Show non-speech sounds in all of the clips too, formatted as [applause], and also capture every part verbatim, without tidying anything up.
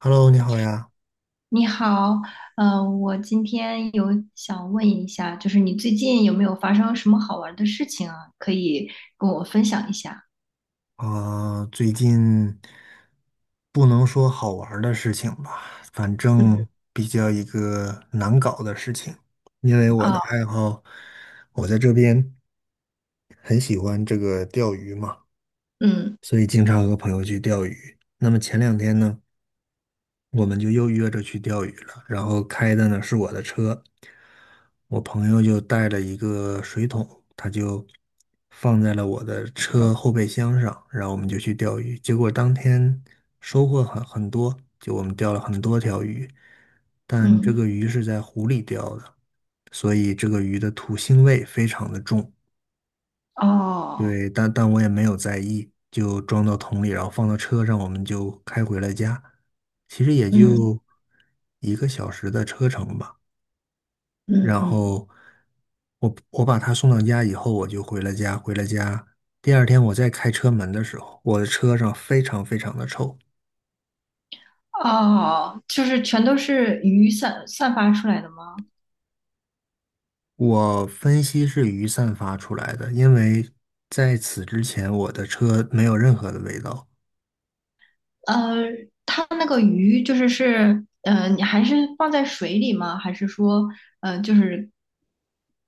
Hello，你好呀。你好，呃，我今天有想问一下，就是你最近有没有发生什么好玩的事情啊？可以跟我分享一下。啊、最近不能说好玩儿的事情吧，反嗯。正比较一个难搞的事情。因为我的哦。爱好，我在这边很喜欢这个钓鱼嘛，嗯所以经常和朋友去钓鱼。那么前两天呢，我们就又约着去钓鱼了。然后开的呢是我的车，我朋友就带了一个水桶，他就放在了我的车后备箱上，然后我们就去钓鱼。结果当天收获很很多，就我们钓了很多条鱼，但这嗯。个鱼是在湖里钓的，所以这个鱼的土腥味非常的重。哦。对，但但我也没有在意，就装到桶里，然后放到车上，我们就开回了家。其实也嗯就一个小时的车程吧。嗯然嗯。后我我把他送到家以后，我就回了家。回了家，第二天我再开车门的时候，我的车上非常非常的臭。哦，就是全都是鱼散散发出来的吗？我分析是鱼散发出来的，因为在此之前我的车没有任何的味道。呃，它那个鱼就是是，呃，你还是放在水里吗？还是说，呃，就是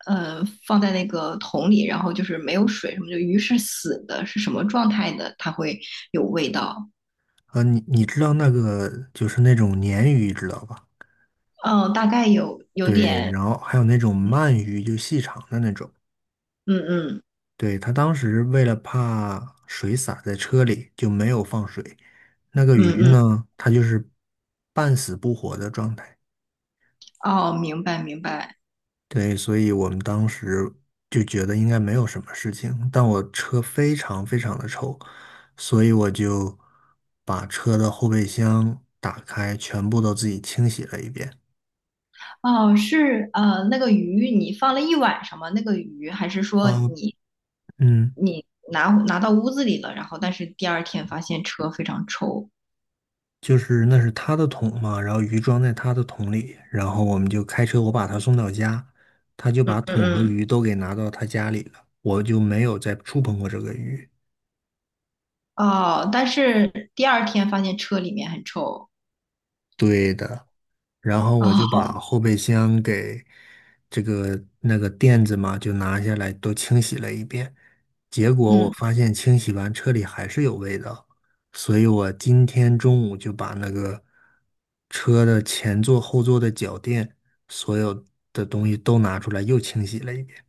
呃放在那个桶里，然后就是没有水什么的，鱼是死的，是什么状态的？它会有味道？呃，你你知道那个就是那种鲶鱼，知道吧？嗯，大概有有对，点。然后还有那种鳗鱼，就细长的那种。嗯嗯对，他当时为了怕水洒在车里，就没有放水。那个嗯鱼嗯，呢，它就是半死不活的状态。哦，明白明白。对，所以我们当时就觉得应该没有什么事情。但我车非常非常的臭，所以我就把车的后备箱打开，全部都自己清洗了一遍。哦，是呃，那个鱼你放了一晚上吗？那个鱼还是说啊，你嗯。你拿拿到屋子里了，然后但是第二天发现车非常臭？就是那是他的桶嘛，然后鱼装在他的桶里，然后我们就开车，我把他送到家，他就把嗯桶和鱼嗯。都给拿到他家里了，我就没有再触碰过这个鱼。嗯哦，但是第二天发现车里面很臭。对的。然后我就把哦。后备箱给这个那个垫子嘛，就拿下来都清洗了一遍。结果我嗯。发现清洗完车里还是有味道，所以我今天中午就把那个车的前座、后座的脚垫，所有的东西都拿出来又清洗了一遍。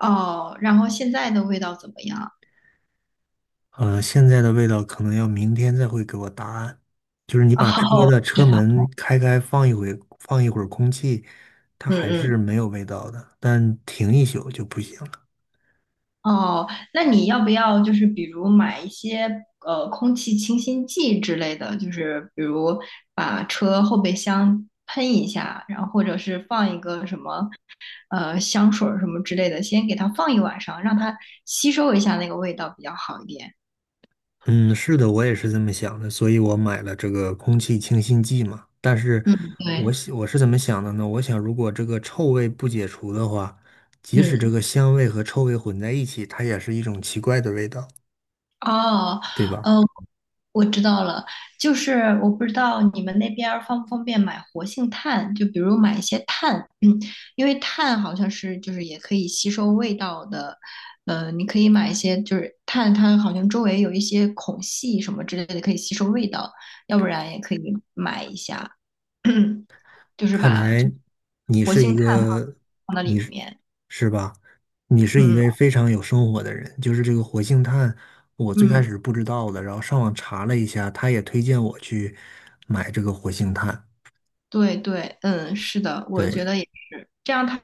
哦，然后现在的味道怎么样？嗯、现在的味道可能要明天再会给我答案。把车哦，的知车道。门开开，放一会，放一会儿空气，它嗯还嗯。是没有味道的，但停一宿就不行了。哦，那你要不要就是比如买一些呃空气清新剂之类的，就是比如把车后备箱喷一下，然后或者是放一个什么呃香水儿什么之类的，先给它放一晚上，让它吸收一下那个味道比较好一点。嗯，是的，我也是这么想的，所以我买了这个空气清新剂嘛。但是嗯，我对。想我是怎么想的呢？我想如果这个臭味不解除的话，即使这嗯。个香味和臭味混在一起，它也是一种奇怪的味道，哦。对吧？嗯，我知道了，就是我不知道你们那边儿方不方便买活性炭，就比如买一些炭。嗯，因为炭好像是就是也可以吸收味道的，呃，你可以买一些就是炭，它好像周围有一些孔隙什么之类的可以吸收味道，要不然也可以买一下。[clears throat] 就是看把就来你活是一性炭个，放到你里是面。是吧？你是一位嗯非常有生活的人。就是这个活性炭，我最开嗯。始不知道的，然后上网查了一下，他也推荐我去买这个活性炭。对对，嗯，是的，我觉对，得也是，这样它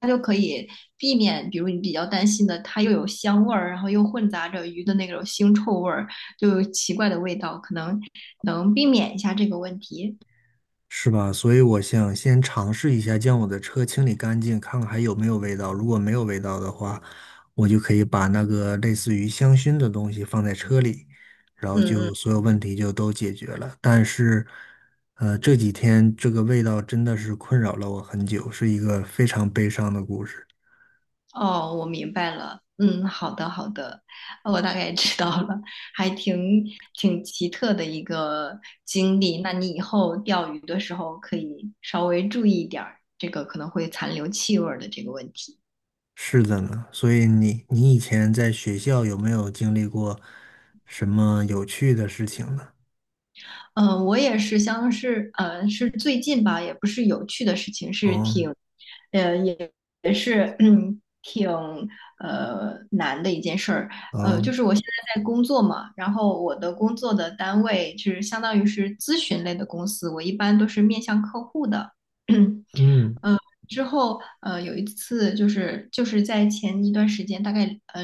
它就可以避免，比如你比较担心的，它又有香味儿，然后又混杂着鱼的那种腥臭味儿，就有奇怪的味道，可能能避免一下这个问题。是吧？所以我想先尝试一下将我的车清理干净，看看还有没有味道。如果没有味道的话，我就可以把那个类似于香薰的东西放在车里，然后嗯就嗯。所有问题就都解决了。但是，呃，这几天这个味道真的是困扰了我很久，是一个非常悲伤的故事。哦，我明白了。嗯，好的好的，我大概知道了，还挺挺奇特的一个经历。那你以后钓鱼的时候可以稍微注意一点儿，这个可能会残留气味儿的这个问题。是的呢，所以你你以前在学校有没有经历过什么有趣的事情呢？嗯，呃我也是，像是呃，是最近吧，也不是有趣的事情，是哦挺，呃，也也是嗯 [clears throat] 挺呃难的一件事儿。呃，就哦，是我现在在工作嘛，然后我的工作的单位就是相当于是咨询类的公司，我一般都是面向客户的。[clears throat] 嗯之后，呃，有一次就是就是在前一段时间，大概呃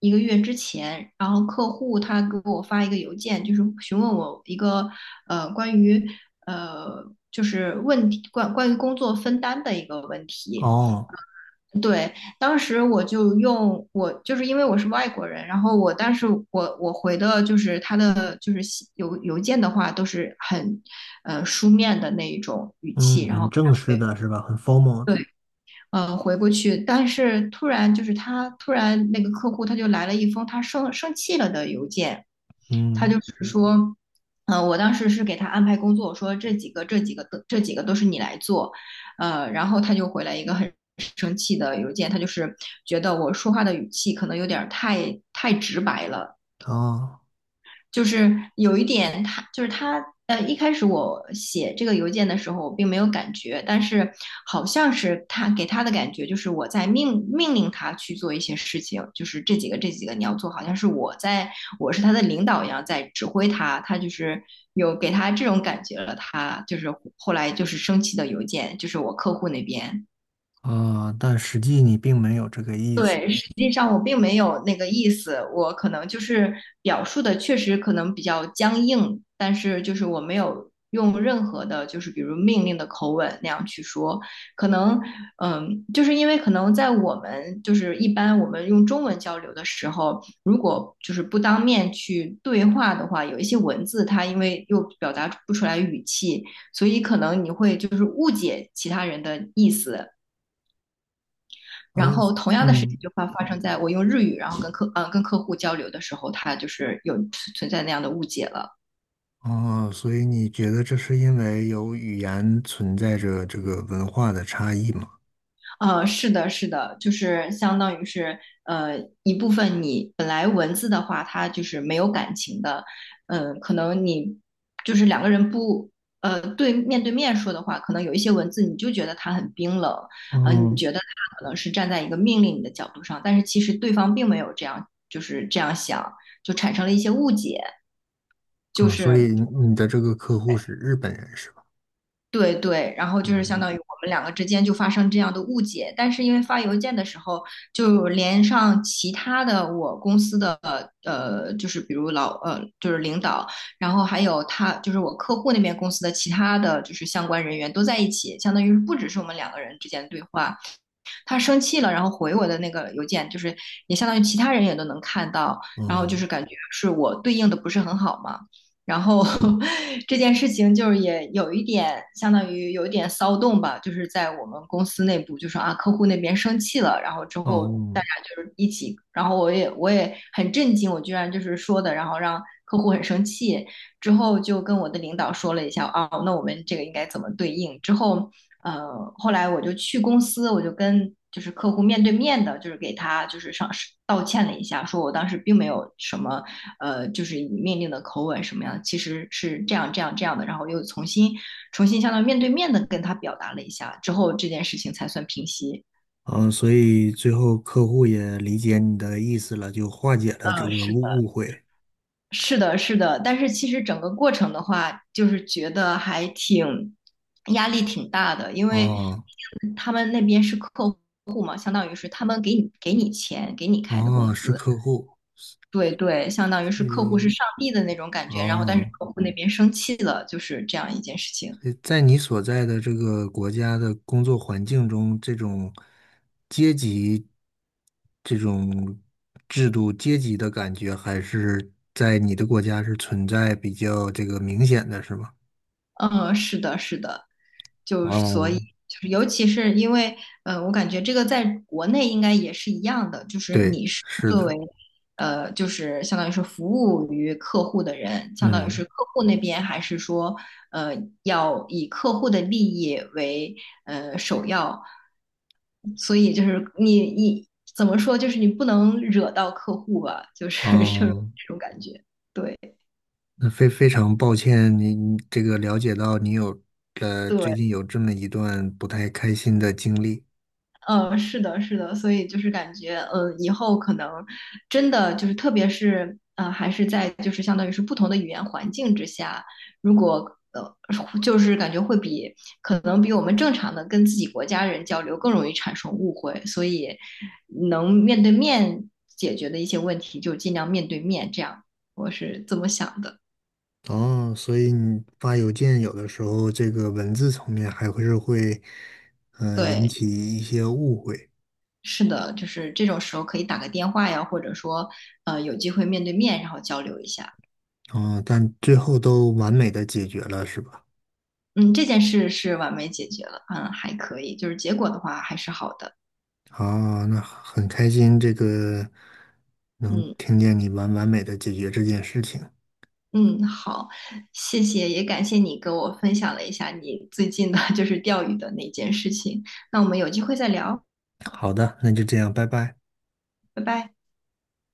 一个月之前，然后客户他给我发一个邮件，就是询问我一个呃关于呃就是问题关关于工作分担的一个问题。哦。对，当时我就用我就是因为我是外国人，然后我但是我我回的就是他的就是信邮邮件的话都是很呃书面的那一种语气，嗯，然后很正式给他回。的是吧？很 formal 的，对。呃，回过去，但是突然就是他突然那个客户他就来了一封他生生气了的邮件，他嗯，就是说，呃，我当时是给他安排工作，我说这几个这几个都这几个都是你来做。呃，然后他就回来一个很生气的邮件，他就是觉得我说话的语气可能有点儿太太直白了，哦，就是有一点他，就是他，呃，一开始我写这个邮件的时候，我并没有感觉，但是好像是他给他的感觉，就是我在命命令他去做一些事情，就是这几个这几个你要做，好像是我在，我是他的领导一样在指挥他，他就是有给他这种感觉了，他就是后来就是生气的邮件，就是我客户那边。哦，但实际你并没有这个意思，实际上我并没有那个意思，我可能就是表述的确实可能比较僵硬，但是就是我没有用任何的，就是比如命令的口吻那样去说，可能嗯，就是因为可能在我们就是一般我们用中文交流的时候，如果就是不当面去对话的话，有一些文字它因为又表达不出来语气，所以可能你会就是误解其他人的意思。然嗯后同样的事情嗯，就发发生在我用日语，然后跟客嗯、呃跟客户交流的时候，他就是有存在那样的误解了。哦，所以你觉得这是因为有语言存在着这个文化的差异吗？呃，是的，是的，就是相当于是呃一部分你本来文字的话，它就是没有感情的，嗯、可能你就是两个人不呃对面对面说的话，可能有一些文字你就觉得它很冰冷，呃，你嗯觉得它可能是站在一个命令你的角度上，但是其实对方并没有这样，就是这样想，就产生了一些误解，就嗯，所是。以你的这个客户是日本人是吧？对对，然后就是相嗯当于我们两个之间就发生这样的误解，但是因为发邮件的时候，就连上其他的我公司的呃，就是比如老呃，就是领导，然后还有他就是我客户那边公司的其他的就是相关人员都在一起，相当于是不只是我们两个人之间的对话，他生气了，然后回我的那个邮件，就是也相当于其他人也都能看到，然后就是嗯感觉是我对应的不是很好嘛。然后 [laughs] 这件事情就是也有一点相当于有一点骚动吧，就是在我们公司内部就说啊，客户那边生气了，然后之后大哦家就是一起，然后我也我也很震惊，我居然就是说的，然后让客户很生气，之后就跟我的领导说了一下啊，那我们这个应该怎么对应？之后呃，后来我就去公司，我就跟就是客户面对面的，就是给他就是上道歉了一下，说我当时并没有什么呃，就是以命令的口吻什么样的，其实是这样这样这样的，然后又重新重新相当于面对面的跟他表达了一下，之后这件事情才算平息。嗯，所以最后客户也理解你的意思了，就化解了这嗯，个误是。误会。是的，是的，但是其实整个过程的话，就是觉得还挺压力挺大的，因为哦他们那边是客户嘛，相当于是他们给你给你钱，给你开的哦，工是资，客户，对对，相当于是客户是嗯上帝的那种感觉，然后但是哦。客户那边生气了，就是这样一件事情。在你所在的这个国家的工作环境中，这种阶级、这种制度、阶级的感觉，还是在你的国家是存在比较这个明显的，是吗？嗯，是的，是的，就所以哦，就是尤其是因为，呃，我感觉这个在国内应该也是一样的，就是对，你是。是的，呃，就是相当于是服务于客户的人，相当于是嗯，客户那边，还是说，呃，要以客户的利益为呃首要？所以就是你你怎么说，就是你不能惹到客户吧，就是 [laughs] 就是哦，这种感觉。对那非非常抱歉，您这个了解到你有呃对，最近有这么一段不太开心的经历。呃，是的，是的，所以就是感觉，呃，以后可能真的就是，特别是呃，还是在就是相当于是不同的语言环境之下，如果呃，就是感觉会比可能比我们正常的跟自己国家人交流更容易产生误会，所以能面对面解决的一些问题，就尽量面对面，这样我是这么想的。哦，所以你发邮件有的时候这个文字层面还会是会，呃，引对，起一些误会，是的，就是这种时候可以打个电话呀，或者说呃，有机会面对面，然后交流一下。嗯，但最后都完美的解决了，是吧？嗯，这件事是完美解决了，嗯，还可以，就是结果的话还是好的，哦，那很开心，这个能嗯听见你完完美的解决这件事情。嗯，好，谢谢，也感谢你给我分享了一下你最近的就是钓鱼的那件事情，那我们有机会再聊，好的，那就这样，拜拜。拜拜。